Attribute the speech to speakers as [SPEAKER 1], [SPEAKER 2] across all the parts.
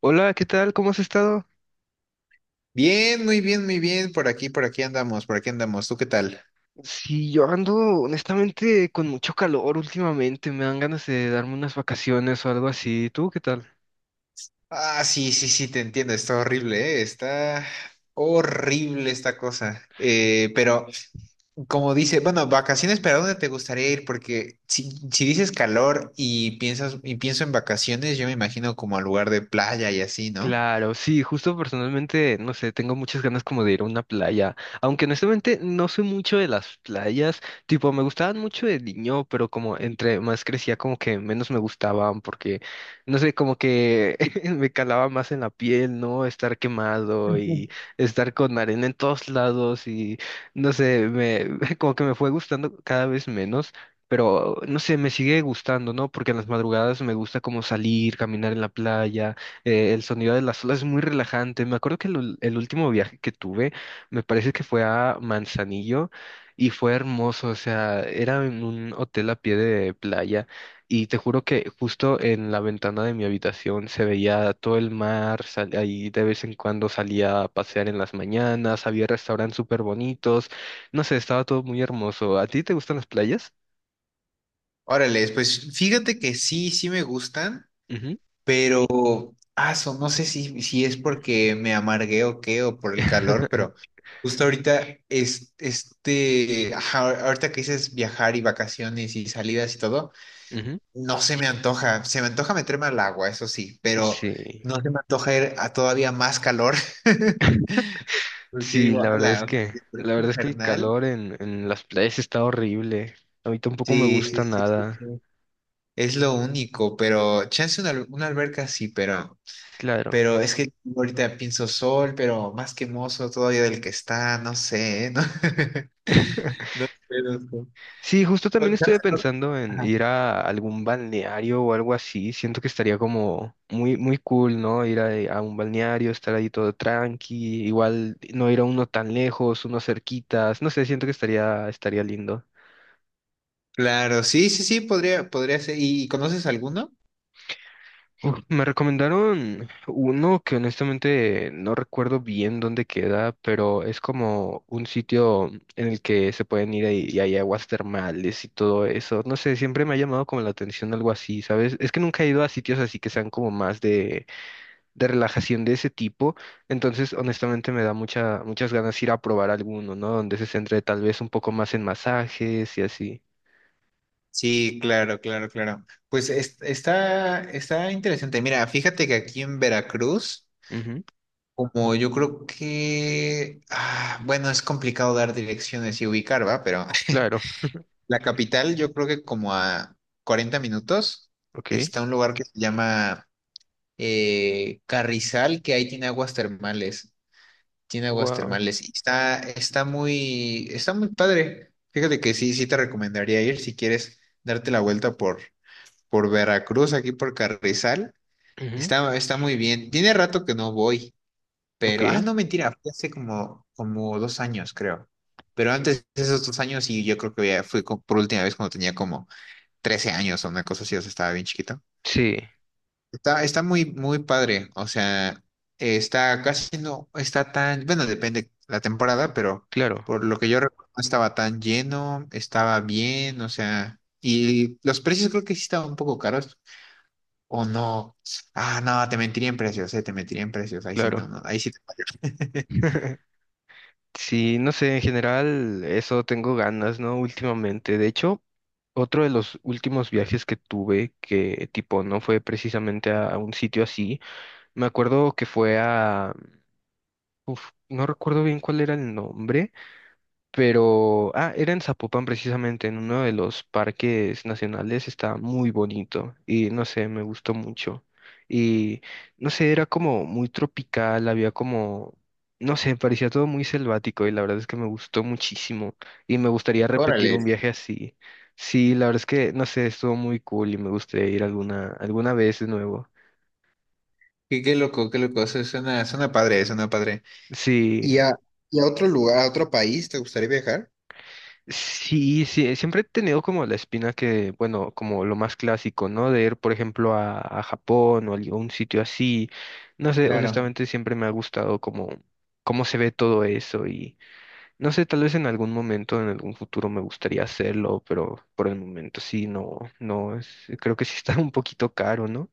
[SPEAKER 1] Hola, ¿qué tal? ¿Cómo has estado?
[SPEAKER 2] Bien, muy bien, muy bien. Por aquí andamos, por aquí andamos. ¿Tú qué tal?
[SPEAKER 1] Sí, yo ando honestamente con mucho calor últimamente, me dan ganas de darme unas vacaciones o algo así. ¿Tú qué tal?
[SPEAKER 2] Ah, sí, sí, sí, te entiendo. Está horrible, ¿eh? Está horrible esta cosa. Pero como dice, bueno, vacaciones, ¿para dónde te gustaría ir? Porque si dices calor y piensas y pienso en vacaciones, yo me imagino como al lugar de playa y así, ¿no?
[SPEAKER 1] Claro, sí, justo personalmente, no sé, tengo muchas ganas como de ir a una playa, aunque honestamente no soy mucho de las playas, tipo me gustaban mucho de niño, pero como entre más crecía como que menos me gustaban porque, no sé, como que me calaba más en la piel, ¿no? Estar quemado
[SPEAKER 2] Ujú.
[SPEAKER 1] y estar con arena en todos lados y, no sé, como que me fue gustando cada vez menos. Pero no sé, me sigue gustando, ¿no? Porque en las madrugadas me gusta como salir, caminar en la playa, el sonido de las olas es muy relajante. Me acuerdo que el último viaje que tuve, me parece que fue a Manzanillo y fue hermoso. O sea, era en un hotel a pie de playa y te juro que justo en la ventana de mi habitación se veía todo el mar. Ahí de vez en cuando salía a pasear en las mañanas, había restaurantes súper bonitos. No sé, estaba todo muy hermoso. ¿A ti te gustan las playas?
[SPEAKER 2] Órale, pues fíjate que sí, sí me gustan.
[SPEAKER 1] Ujú.
[SPEAKER 2] Pero, aso, no sé si es porque me amargué o qué, o por el calor, pero justo ahorita, es, este, ajá, ahorita que dices viajar y vacaciones y salidas y todo,
[SPEAKER 1] Ujú.
[SPEAKER 2] no se me antoja, se me antoja meterme al agua, eso sí, pero
[SPEAKER 1] Sí.
[SPEAKER 2] no se me antoja ir a todavía más calor. Porque
[SPEAKER 1] Sí,
[SPEAKER 2] digo,
[SPEAKER 1] la verdad es
[SPEAKER 2] ala, o sea,
[SPEAKER 1] que,
[SPEAKER 2] si es por
[SPEAKER 1] la
[SPEAKER 2] esto
[SPEAKER 1] verdad es que el
[SPEAKER 2] infernal,
[SPEAKER 1] calor en las playas está horrible. A mí tampoco me
[SPEAKER 2] sí, sí,
[SPEAKER 1] gusta
[SPEAKER 2] sí, sí,
[SPEAKER 1] nada.
[SPEAKER 2] sí, es lo único, pero chance una, una alberca sí, pero...
[SPEAKER 1] Claro.
[SPEAKER 2] Pero es que ahorita pienso sol, pero más quemoso todavía del que está, no sé, ¿eh? ¿No? No sé, no sé.
[SPEAKER 1] Sí, justo
[SPEAKER 2] O
[SPEAKER 1] también
[SPEAKER 2] sea,
[SPEAKER 1] estuve pensando en
[SPEAKER 2] ajá.
[SPEAKER 1] ir a algún balneario o algo así. Siento que estaría como muy, muy cool, ¿no? Ir a un balneario, estar ahí todo tranqui, igual no ir a uno tan lejos, uno cerquitas. No sé, siento que estaría, estaría lindo.
[SPEAKER 2] Claro, sí, sí, sí, podría, podría ser. ¿Y conoces alguno?
[SPEAKER 1] Uf, me recomendaron uno que honestamente no recuerdo bien dónde queda, pero es como un sitio en el que se pueden y hay aguas termales y todo eso. No sé, siempre me ha llamado como la atención algo así, ¿sabes? Es que nunca he ido a sitios así que sean como más de relajación de ese tipo, entonces honestamente me da mucha, muchas ganas ir a probar alguno, ¿no? Donde se centre tal vez un poco más en masajes y así.
[SPEAKER 2] Sí, claro, claro, claro. Pues está, está interesante. Mira, fíjate que aquí en Veracruz,
[SPEAKER 1] Ujú,
[SPEAKER 2] como yo creo que, ah, bueno, es complicado dar direcciones y ubicar, ¿va? Pero
[SPEAKER 1] claro,
[SPEAKER 2] la capital, yo creo que como a 40 minutos,
[SPEAKER 1] ok.
[SPEAKER 2] está un lugar que se llama Carrizal, que ahí tiene aguas termales. Tiene aguas
[SPEAKER 1] Wow.
[SPEAKER 2] termales. Y está, está muy padre. Fíjate que sí, sí te recomendaría ir si quieres darte la vuelta por Veracruz, aquí por Carrizal. Está, está muy bien. Tiene rato que no voy,
[SPEAKER 1] Ok,
[SPEAKER 2] pero, ah, no, mentira, fue hace como, como 2 años, creo. Pero antes de esos 2 años, y yo creo que ya fui por última vez cuando tenía como 13 años o una cosa así, o sea, estaba bien chiquito.
[SPEAKER 1] sí.
[SPEAKER 2] Está, está muy, muy padre. O sea, está casi no está tan, bueno, depende la temporada, pero
[SPEAKER 1] Claro.
[SPEAKER 2] por lo que yo recuerdo, no estaba tan lleno, estaba bien, o sea, y los precios creo que sí estaban un poco caros. O no. Ah, no, te mentiría en precios, te mentiría en precios. Ahí sí,
[SPEAKER 1] Claro.
[SPEAKER 2] no, no, ahí sí te fallo.
[SPEAKER 1] Sí, no sé, en general eso tengo ganas, ¿no? Últimamente. De hecho, otro de los últimos viajes que tuve, que tipo no fue precisamente a un sitio así, me acuerdo que fue a... Uf, no recuerdo bien cuál era el nombre. Pero, ah, era en Zapopan precisamente, en uno de los parques nacionales, está muy bonito y no sé, me gustó mucho. Y no sé, era como muy tropical, había como, no sé, parecía todo muy selvático y la verdad es que me gustó muchísimo y me gustaría repetir
[SPEAKER 2] Órale.
[SPEAKER 1] un viaje así. Sí, la verdad es que, no sé, estuvo muy cool y me gustaría ir alguna, alguna vez de nuevo.
[SPEAKER 2] Qué, qué loco, qué loco. Eso suena, suena padre, suena padre.
[SPEAKER 1] Sí.
[SPEAKER 2] ¿Y a, y a otro lugar, a otro país, te gustaría viajar?
[SPEAKER 1] Sí, sí, siempre he tenido como la espina que, bueno, como lo más clásico, ¿no? De ir, por ejemplo, a Japón o a algún sitio así. No sé,
[SPEAKER 2] Claro.
[SPEAKER 1] honestamente siempre me ha gustado como cómo se ve todo eso y no sé, tal vez en algún momento, en algún futuro me gustaría hacerlo, pero por el momento sí, no, no, es- creo que sí está un poquito caro, ¿no?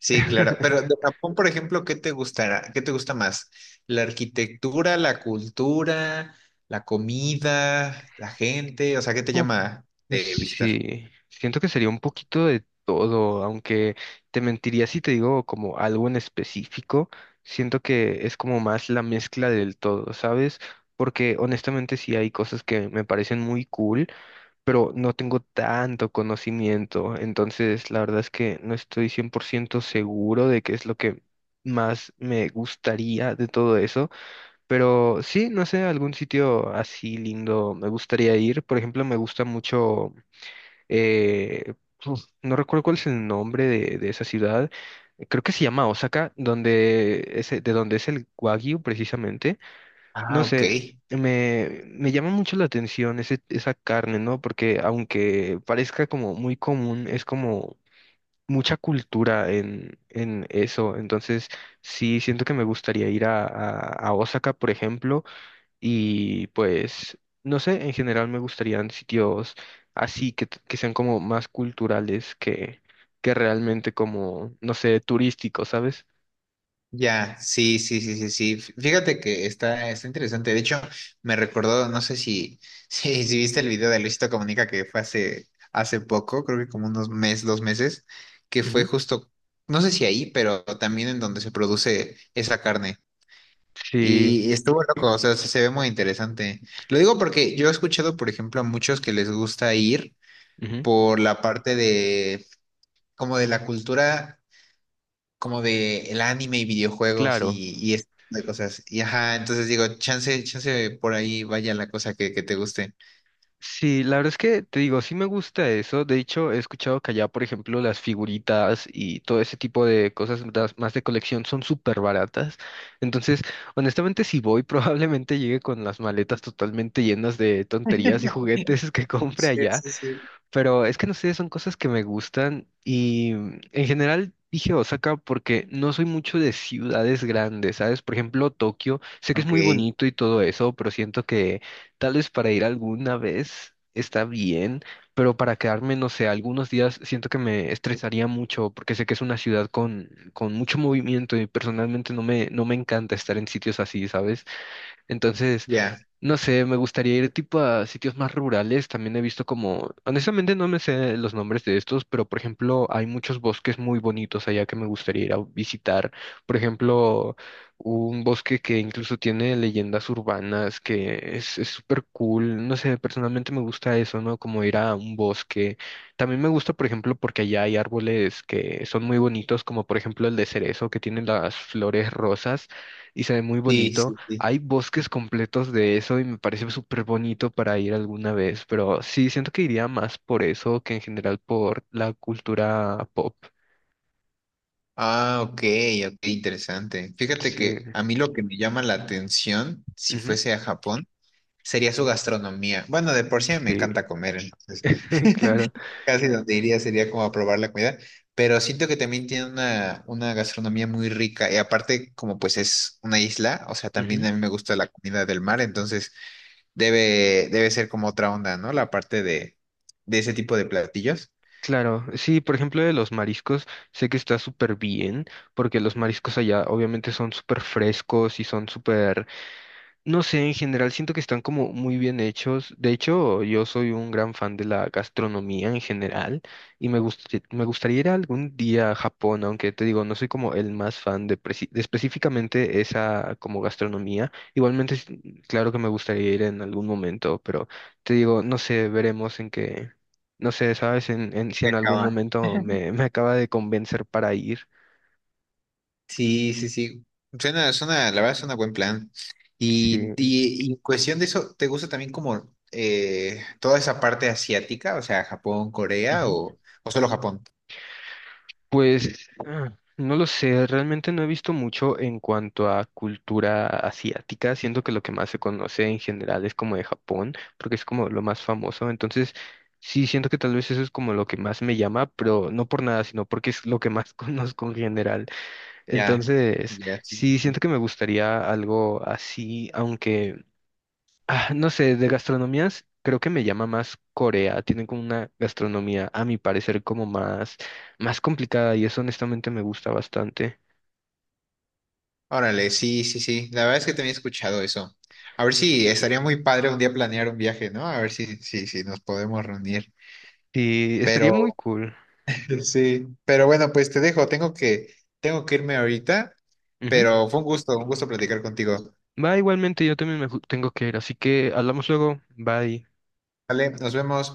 [SPEAKER 2] Sí, claro. Pero de Japón, por ejemplo, ¿qué te gustará? ¿Qué te gusta más? ¿La arquitectura, la cultura, la comida, la gente? O sea, ¿qué te llama de visitar?
[SPEAKER 1] Sí, siento que sería un poquito de todo, aunque te mentiría si te digo como algo en específico, siento que es como más la mezcla del todo, ¿sabes? Porque honestamente sí hay cosas que me parecen muy cool, pero no tengo tanto conocimiento, entonces la verdad es que no estoy 100% seguro de qué es lo que más me gustaría de todo eso. Pero sí, no sé, algún sitio así lindo me gustaría ir. Por ejemplo, me gusta mucho eh, no recuerdo cuál es el nombre de esa ciudad, creo que se llama Osaka, donde es, de donde es el Wagyu precisamente.
[SPEAKER 2] Ah,
[SPEAKER 1] No
[SPEAKER 2] ok.
[SPEAKER 1] sé, me llama mucho la atención ese, esa carne, ¿no? Porque aunque parezca como muy común, es como mucha cultura en eso. Entonces, sí, siento que me gustaría ir a Osaka, por ejemplo y pues, no sé, en general me gustarían sitios así que, que sean como más culturales que realmente como, no sé, turísticos, ¿sabes?
[SPEAKER 2] Ya, sí, sí, sí, sí, sí. Fíjate que está, está interesante. De hecho, me recordó, no sé si, si, si viste el video de Luisito Comunica que fue hace, hace poco, creo que como unos meses, 2 meses, que fue
[SPEAKER 1] Ujú.
[SPEAKER 2] justo, no sé si ahí, pero también en donde se produce esa carne.
[SPEAKER 1] Sí,
[SPEAKER 2] Y estuvo loco, o sea, se ve muy interesante. Lo digo porque yo he escuchado, por ejemplo, a muchos que les gusta ir
[SPEAKER 1] ujú,
[SPEAKER 2] por la parte de, como de la cultura, como de el anime y videojuegos
[SPEAKER 1] claro.
[SPEAKER 2] y este tipo de cosas. Y ajá, entonces digo, chance, chance por ahí vaya la cosa que te guste.
[SPEAKER 1] Sí, la verdad es que te digo, sí me gusta eso. De hecho, he escuchado que allá, por ejemplo, las figuritas y todo ese tipo de cosas más de colección son súper baratas. Entonces, honestamente, si voy, probablemente llegue con las maletas totalmente llenas de tonterías y juguetes que compre
[SPEAKER 2] Sí,
[SPEAKER 1] allá.
[SPEAKER 2] sí, sí.
[SPEAKER 1] Pero es que no sé, son cosas que me gustan y en general dije Osaka porque no soy mucho de ciudades grandes, ¿sabes? Por ejemplo, Tokio, sé que es
[SPEAKER 2] Ok,
[SPEAKER 1] muy bonito y todo eso, pero siento que tal vez para ir alguna vez está bien, pero para quedarme, no sé, algunos días siento que me estresaría mucho porque sé que es una ciudad con mucho movimiento y personalmente no me encanta estar en sitios así, ¿sabes? Entonces...
[SPEAKER 2] ya.
[SPEAKER 1] No sé, me gustaría ir tipo a sitios más rurales. También he visto como, honestamente no me sé los nombres de estos, pero por ejemplo hay muchos bosques muy bonitos allá que me gustaría ir a visitar. Por ejemplo, un bosque que incluso tiene leyendas urbanas, que es súper cool. No sé, personalmente me gusta eso, ¿no? Como ir a un bosque. También me gusta, por ejemplo, porque allá hay árboles que son muy bonitos, como por ejemplo el de cerezo, que tiene las flores rosas y se ve muy
[SPEAKER 2] Sí,
[SPEAKER 1] bonito.
[SPEAKER 2] sí, sí.
[SPEAKER 1] Hay bosques completos de eso y me parece súper bonito para ir alguna vez, pero sí, siento que iría más por eso que en general por la cultura pop.
[SPEAKER 2] Ah, ok, ok, interesante. Fíjate
[SPEAKER 1] Sí,
[SPEAKER 2] que a mí lo que me llama la atención, si
[SPEAKER 1] ujú,
[SPEAKER 2] fuese a Japón, sería su gastronomía. Bueno, de por sí me
[SPEAKER 1] Sí,
[SPEAKER 2] encanta comer, entonces
[SPEAKER 1] claro.
[SPEAKER 2] casi donde iría sería como a probar la comida, pero siento que también tiene una gastronomía muy rica y aparte como pues es una isla, o sea, también
[SPEAKER 1] ujú,
[SPEAKER 2] a mí me gusta la comida del mar, entonces debe, debe ser como otra onda, ¿no? La parte de ese tipo de platillos.
[SPEAKER 1] Claro, sí, por ejemplo, de los mariscos, sé que está súper bien, porque los mariscos allá obviamente son súper frescos y son súper. No sé, en general siento que están como muy bien hechos. De hecho, yo soy un gran fan de la gastronomía en general y me gustaría ir algún día a Japón, aunque te digo, no soy como el más fan de, de específicamente esa como gastronomía. Igualmente, es- claro que me gustaría ir en algún momento, pero te digo, no sé, veremos en qué, no sé, sabes,
[SPEAKER 2] Y
[SPEAKER 1] si
[SPEAKER 2] que
[SPEAKER 1] en algún
[SPEAKER 2] acaban
[SPEAKER 1] momento me acaba de convencer para ir.
[SPEAKER 2] sí, sí, sí. Suena, suena, la verdad suena buen plan.
[SPEAKER 1] Sí.
[SPEAKER 2] Y cuestión de eso, ¿te gusta también como toda esa parte asiática? O sea, Japón, Corea o solo Japón.
[SPEAKER 1] Pues ah, no lo sé, realmente no he visto mucho en cuanto a cultura asiática, siento que lo que más se conoce en general es como de Japón, porque es como lo más famoso, entonces sí siento que tal vez eso es como lo que más me llama, pero no por nada, sino porque es lo que más conozco en general.
[SPEAKER 2] Ya,
[SPEAKER 1] Entonces
[SPEAKER 2] ya, sí.
[SPEAKER 1] sí siento que me gustaría algo así, aunque Ah, no sé, de gastronomías creo que me llama más Corea. Tienen como una gastronomía, a mi parecer, como más, más complicada y eso honestamente me gusta bastante.
[SPEAKER 2] Órale, sí, sí, sí. La verdad es que también he escuchado eso. A ver si estaría muy padre un día planear un viaje, ¿no? A ver si, si, si nos podemos reunir.
[SPEAKER 1] Sí, estaría muy
[SPEAKER 2] Pero
[SPEAKER 1] cool.
[SPEAKER 2] sí, pero bueno, pues te dejo. Tengo que irme ahorita,
[SPEAKER 1] Ujú.
[SPEAKER 2] pero fue un gusto platicar contigo.
[SPEAKER 1] Va, igualmente, yo también tengo que ir, así que hablamos luego. Bye.
[SPEAKER 2] Vale, nos vemos.